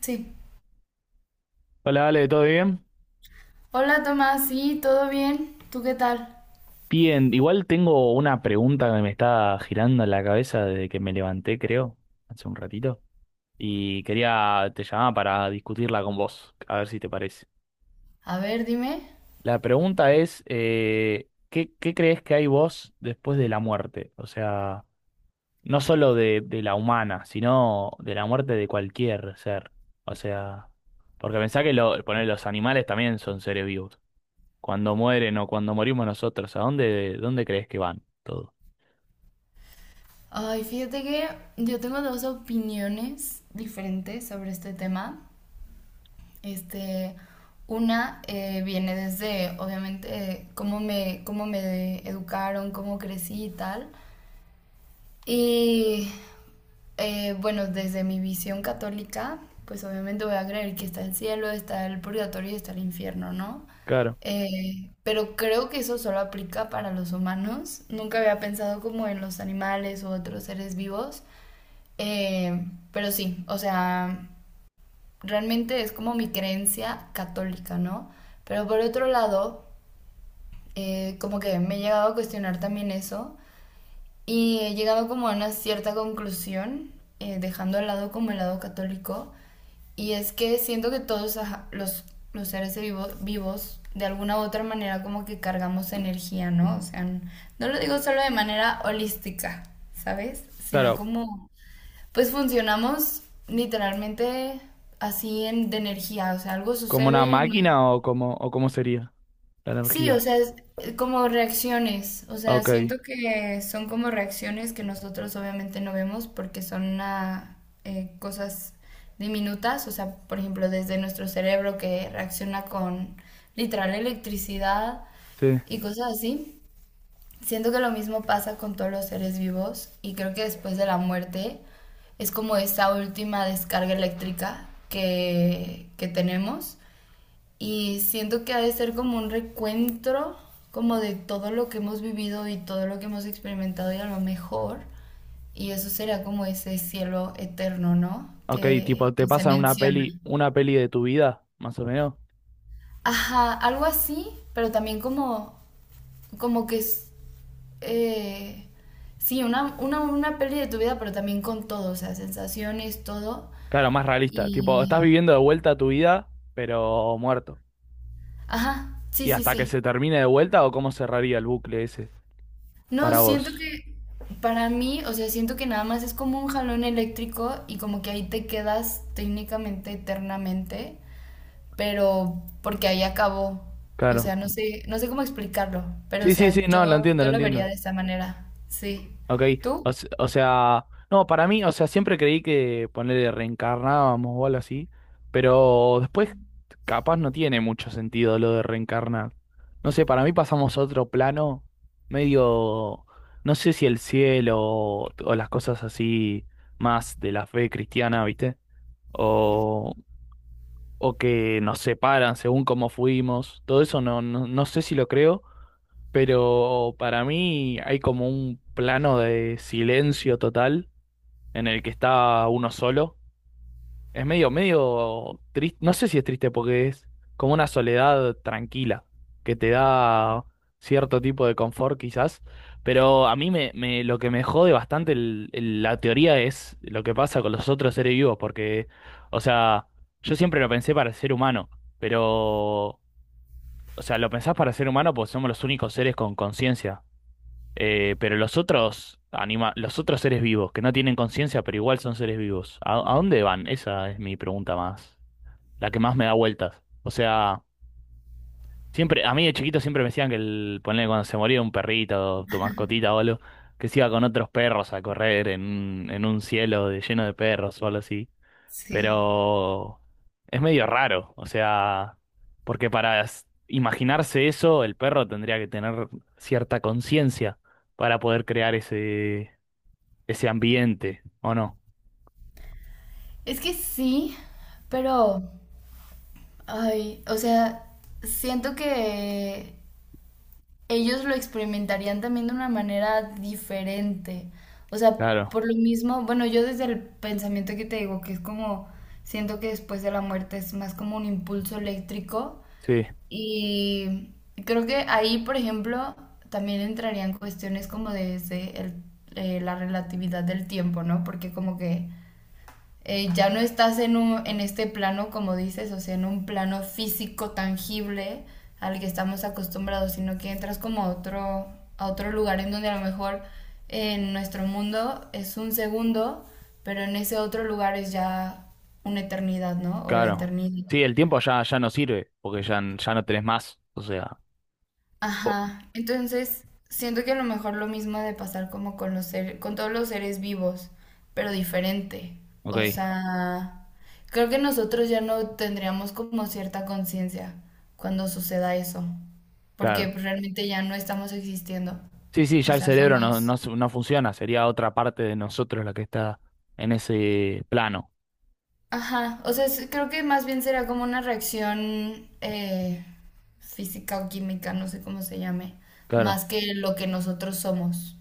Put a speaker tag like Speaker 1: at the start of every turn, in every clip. Speaker 1: Sí.
Speaker 2: Hola, Ale, ¿todo bien?
Speaker 1: Hola Tomás, sí, ¿todo bien? ¿Tú qué tal?
Speaker 2: Bien, igual tengo una pregunta que me está girando en la cabeza desde que me levanté, creo, hace un ratito, y quería, te llamaba para discutirla con vos, a ver si te parece.
Speaker 1: A ver, dime.
Speaker 2: La pregunta es, ¿qué, qué crees que hay vos después de la muerte? O sea, no solo de la humana, sino de la muerte de cualquier ser. O sea, porque pensá que lo, poner los animales también son seres vivos. Cuando mueren o cuando morimos nosotros, ¿a dónde, dónde crees que van todo?
Speaker 1: Ay, fíjate que yo tengo dos opiniones diferentes sobre este tema. Este, una viene desde, obviamente, cómo me educaron, cómo crecí y tal. Y bueno, Desde mi visión católica, pues obviamente voy a creer que está el cielo, está el purgatorio y está el infierno, ¿no?
Speaker 2: Claro,
Speaker 1: Pero creo que eso solo aplica para los humanos. Nunca había pensado como en los animales u otros seres vivos. Eh, pero sí, o sea, realmente es como mi creencia católica, ¿no? Pero por otro lado, como que me he llegado a cuestionar también eso y he llegado como a una cierta conclusión, dejando al lado como el lado católico, y es que siento que todos los, los seres vivos vivos, de alguna u otra manera, como que cargamos energía, ¿no? O sea, no lo digo solo de manera holística, ¿sabes? Sino
Speaker 2: claro.
Speaker 1: como, pues funcionamos literalmente así en, de energía, o sea, algo
Speaker 2: ¿Como una
Speaker 1: sucede, no.
Speaker 2: máquina o como o cómo sería la
Speaker 1: Sí, o
Speaker 2: energía?
Speaker 1: sea, es como reacciones, o sea,
Speaker 2: Ok,
Speaker 1: siento que son como reacciones que nosotros obviamente no vemos porque son cosas diminutas, o sea, por ejemplo, desde nuestro cerebro que reacciona con literal electricidad
Speaker 2: sí.
Speaker 1: y cosas así. Siento que lo mismo pasa con todos los seres vivos y creo que después de la muerte es como esa última descarga eléctrica que tenemos y siento que ha de ser como un recuento como de todo lo que hemos vivido y todo lo que hemos experimentado y a lo mejor. Y eso sería como ese cielo eterno, ¿no?
Speaker 2: Ok, tipo, te
Speaker 1: Que se
Speaker 2: pasan
Speaker 1: menciona.
Speaker 2: una peli de tu vida, más o menos.
Speaker 1: Ajá, algo así, pero también como, como que es, eh, sí, una peli de tu vida, pero también con todo, o sea, sensaciones, todo.
Speaker 2: Claro, más realista. Tipo, estás
Speaker 1: Y,
Speaker 2: viviendo de vuelta tu vida, pero muerto.
Speaker 1: ajá,
Speaker 2: ¿Y hasta que
Speaker 1: sí.
Speaker 2: se termine de vuelta o cómo cerraría el bucle ese
Speaker 1: No,
Speaker 2: para
Speaker 1: siento
Speaker 2: vos?
Speaker 1: que para mí, o sea, siento que nada más es como un jalón eléctrico y como que ahí te quedas técnicamente eternamente, pero porque ahí acabó. O sea,
Speaker 2: Claro.
Speaker 1: no sé cómo explicarlo, pero o
Speaker 2: Sí, sí, sí,
Speaker 1: sea,
Speaker 2: no, lo entiendo,
Speaker 1: yo
Speaker 2: lo
Speaker 1: lo vería
Speaker 2: entiendo.
Speaker 1: de esa manera. Sí.
Speaker 2: Ok,
Speaker 1: ¿Tú?
Speaker 2: o, se- o sea, no, para mí, o sea, siempre creí que ponerle reencarnábamos o algo así, pero después capaz no tiene mucho sentido lo de reencarnar. No sé, para mí pasamos a otro plano medio, no sé si el cielo o las cosas así más de la fe cristiana, ¿viste? O, o que nos separan según cómo fuimos, todo eso no, no, no sé si lo creo, pero para mí hay como un plano de silencio total en el que está uno solo. Es medio, medio triste, no sé si es triste porque es como una soledad tranquila que te da cierto tipo de confort quizás, pero a mí me, me- lo que me jode bastante el- la teoría es lo que pasa con los otros seres vivos, porque, o sea, yo siempre lo pensé para el ser humano, pero, o sea, lo pensás para el ser humano porque somos los únicos seres con conciencia. Pero los otros anima, los otros seres vivos que no tienen conciencia, pero igual son seres vivos, a dónde van? Esa es mi pregunta más, la que más me da vueltas. O sea, siempre, a mí de chiquito siempre me decían que el, ponele cuando se moría un perrito, tu mascotita o algo, que se iba con otros perros a correr en un cielo de- lleno de perros o algo así.
Speaker 1: Sí.
Speaker 2: Pero es medio raro, o sea, porque para s- imaginarse eso, el perro tendría que tener cierta conciencia para poder crear ese, ese ambiente, ¿o no?
Speaker 1: Es que sí, pero, ay, o sea, siento que ellos lo experimentarían también de una manera diferente. O sea,
Speaker 2: Claro,
Speaker 1: por lo mismo, bueno, yo desde el pensamiento que te digo, que es como, siento que después de la muerte es más como un impulso eléctrico
Speaker 2: sí,
Speaker 1: y creo que ahí, por ejemplo, también entrarían cuestiones como la relatividad del tiempo, ¿no? Porque como que ya no estás en este plano, como dices, o sea, en un plano físico tangible al que estamos acostumbrados, sino que entras como a otro lugar en donde a lo mejor en nuestro mundo es un segundo, pero en ese otro lugar es ya una eternidad, ¿no? O la
Speaker 2: claro.
Speaker 1: eternidad.
Speaker 2: Sí, el tiempo ya, ya no sirve, porque ya, n- ya no tenés más, o sea, o-
Speaker 1: Ajá. Entonces, siento que a lo mejor lo mismo ha de pasar como con con todos los seres vivos, pero diferente.
Speaker 2: ok,
Speaker 1: O sea, creo que nosotros ya no tendríamos como cierta conciencia cuando suceda eso, porque
Speaker 2: claro.
Speaker 1: pues, realmente ya no estamos existiendo.
Speaker 2: Sí, sí,
Speaker 1: O
Speaker 2: ya el
Speaker 1: sea,
Speaker 2: cerebro no, no,
Speaker 1: somos...
Speaker 2: s- no funciona, sería otra parte de nosotros la que está en ese plano,
Speaker 1: Ajá, o sea, creo que más bien será como una reacción física o química, no sé cómo se llame, más
Speaker 2: claro.
Speaker 1: que lo que nosotros somos,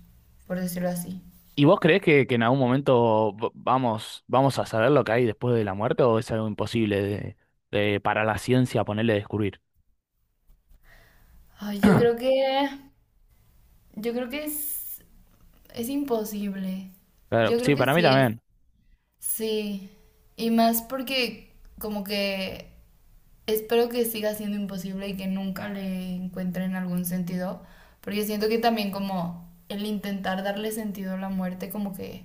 Speaker 1: por decirlo así.
Speaker 2: ¿Y vos creés que en algún momento v- vamos, vamos a saber lo que hay después de la muerte o es algo imposible de- para la ciencia ponerle descubrir?
Speaker 1: Ay, yo creo que es imposible.
Speaker 2: Claro,
Speaker 1: Yo creo
Speaker 2: sí,
Speaker 1: que
Speaker 2: para mí
Speaker 1: sí es.
Speaker 2: también.
Speaker 1: Sí. Y más porque como que espero que siga siendo imposible y que nunca le encuentren algún sentido. Porque siento que también como el intentar darle sentido a la muerte como que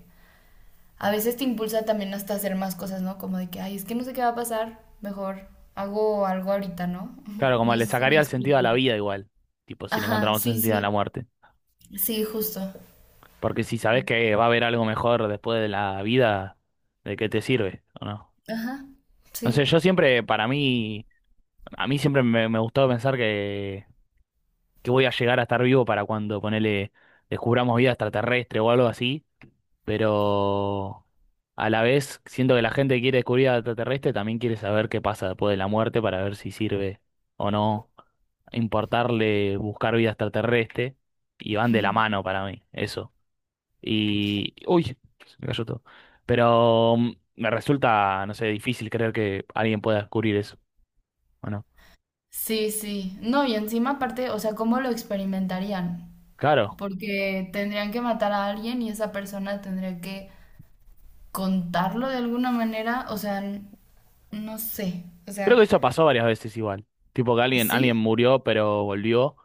Speaker 1: a veces te impulsa también hasta hacer más cosas, ¿no? Como de que, ay, es que no sé qué va a pasar. Mejor hago algo ahorita, ¿no?
Speaker 2: Claro, como
Speaker 1: No
Speaker 2: le
Speaker 1: sé si me
Speaker 2: sacaría el sentido a
Speaker 1: explico.
Speaker 2: la vida igual, tipo si le
Speaker 1: Ajá,
Speaker 2: encontramos el
Speaker 1: sí,
Speaker 2: sentido a la
Speaker 1: sí.
Speaker 2: muerte.
Speaker 1: Sí, justo.
Speaker 2: Porque si sabés que va a haber algo mejor después de la vida, ¿de qué te sirve o no?
Speaker 1: Ajá,
Speaker 2: No sé,
Speaker 1: sí.
Speaker 2: yo siempre, para mí, a mí siempre me, me gustó pensar que voy a llegar a estar vivo para cuando ponele, descubramos vida extraterrestre o algo así, pero a la vez siento que la gente que quiere descubrir al extraterrestre también quiere saber qué pasa después de la muerte para ver si sirve o no importarle buscar vida extraterrestre y van de la mano para mí, eso. Y, uy, se me cayó todo. Pero me resulta, no sé, difícil creer que alguien pueda descubrir eso, ¿o no?
Speaker 1: Sí, sí. No, y encima aparte, o sea, ¿cómo lo experimentarían?
Speaker 2: Claro,
Speaker 1: Porque tendrían que matar a alguien y esa persona tendría que contarlo de alguna manera. O sea, no sé. O
Speaker 2: creo que
Speaker 1: sea,
Speaker 2: eso pasó varias veces igual. Tipo que alguien, alguien
Speaker 1: ¿sí?
Speaker 2: murió pero volvió.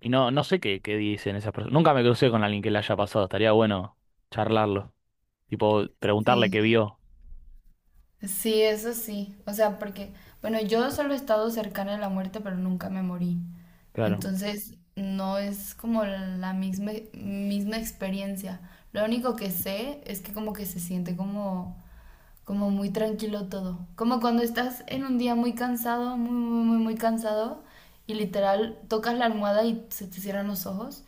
Speaker 2: Y no, no sé qué, qué dicen esas personas. Nunca me crucé con alguien que le haya pasado. Estaría bueno charlarlo. Tipo, preguntarle
Speaker 1: Sí.
Speaker 2: qué vio.
Speaker 1: Sí, eso sí. O sea, porque, bueno, yo solo he estado cercana a la muerte, pero nunca me morí.
Speaker 2: Claro.
Speaker 1: Entonces, no es como la misma experiencia. Lo único que sé es que como que se siente como muy tranquilo todo. Como cuando estás en un día muy cansado, muy cansado, y literal tocas la almohada y se te cierran los ojos,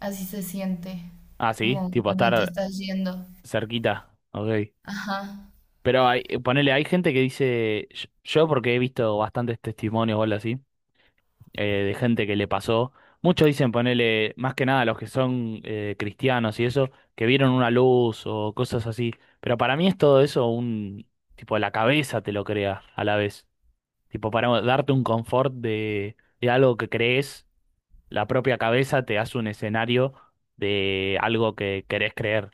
Speaker 1: así se siente,
Speaker 2: Ah, sí,
Speaker 1: como
Speaker 2: tipo
Speaker 1: cuando te
Speaker 2: estar
Speaker 1: estás yendo.
Speaker 2: cerquita. Ok.
Speaker 1: Ajá.
Speaker 2: Pero hay, ponele, hay gente que dice, yo porque he visto bastantes testimonios o algo así, de gente que le pasó. Muchos dicen, ponele, más que nada los que son cristianos y eso, que vieron una luz o cosas así. Pero para mí es todo eso un, tipo, la cabeza te lo crea a la vez. Tipo, para darte un confort de algo que crees, la propia cabeza te hace un escenario de algo que querés creer.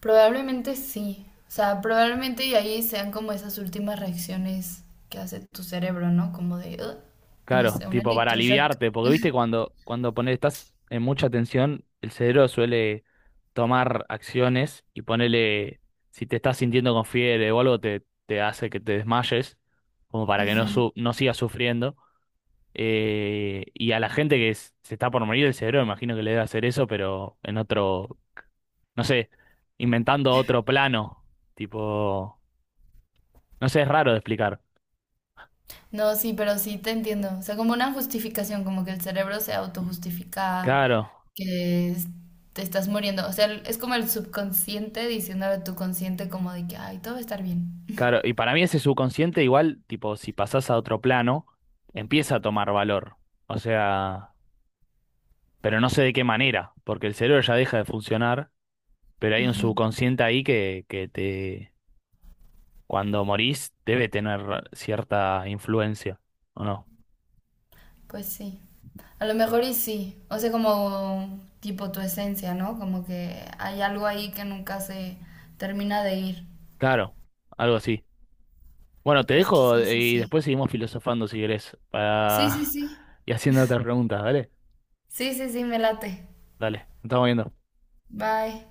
Speaker 1: Probablemente sí. O sea, probablemente y ahí sean como esas últimas reacciones que hace tu cerebro, ¿no? Como de, "Ugh", no
Speaker 2: Claro,
Speaker 1: sé, un
Speaker 2: tipo para
Speaker 1: electroshock.
Speaker 2: aliviarte, porque viste cuando, cuando pones, estás en mucha tensión, el cerebro suele tomar acciones y ponerle, si te estás sintiendo con fiebre o algo, te hace que te desmayes, como para que no,
Speaker 1: Ujú.
Speaker 2: su- no sigas sufriendo. Y a la gente que s- se está por morir el cerebro, imagino que le debe hacer eso, pero en otro, no sé, inventando otro plano. Tipo, no sé, es raro de explicar.
Speaker 1: No, sí, pero sí te entiendo. O sea, como una justificación, como que el cerebro se autojustifica
Speaker 2: Claro,
Speaker 1: que es- te estás muriendo. O sea, es como el subconsciente diciéndole a tu consciente como de que, ay, todo va a estar bien.
Speaker 2: claro. Y para mí ese subconsciente igual, tipo, si pasás a otro plano, empieza a tomar valor. O sea, pero no sé de qué manera, porque el cerebro ya deja de funcionar, pero hay un
Speaker 1: Ujú.
Speaker 2: subconsciente ahí que te, cuando morís, debe tener cierta influencia, ¿o no?
Speaker 1: Pues sí. A lo mejor y sí. O sea, como tipo tu esencia, ¿no? Como que hay algo ahí que nunca se termina de ir.
Speaker 2: Claro, algo así. Bueno, te
Speaker 1: Pues
Speaker 2: dejo
Speaker 1: quizás sí,
Speaker 2: y
Speaker 1: sí.
Speaker 2: después seguimos filosofando si querés,
Speaker 1: Sí, sí,
Speaker 2: para...
Speaker 1: sí.
Speaker 2: y haciendo otras preguntas, ¿vale?
Speaker 1: Sí, sí, sí, me late.
Speaker 2: Dale, nos estamos viendo.
Speaker 1: Bye.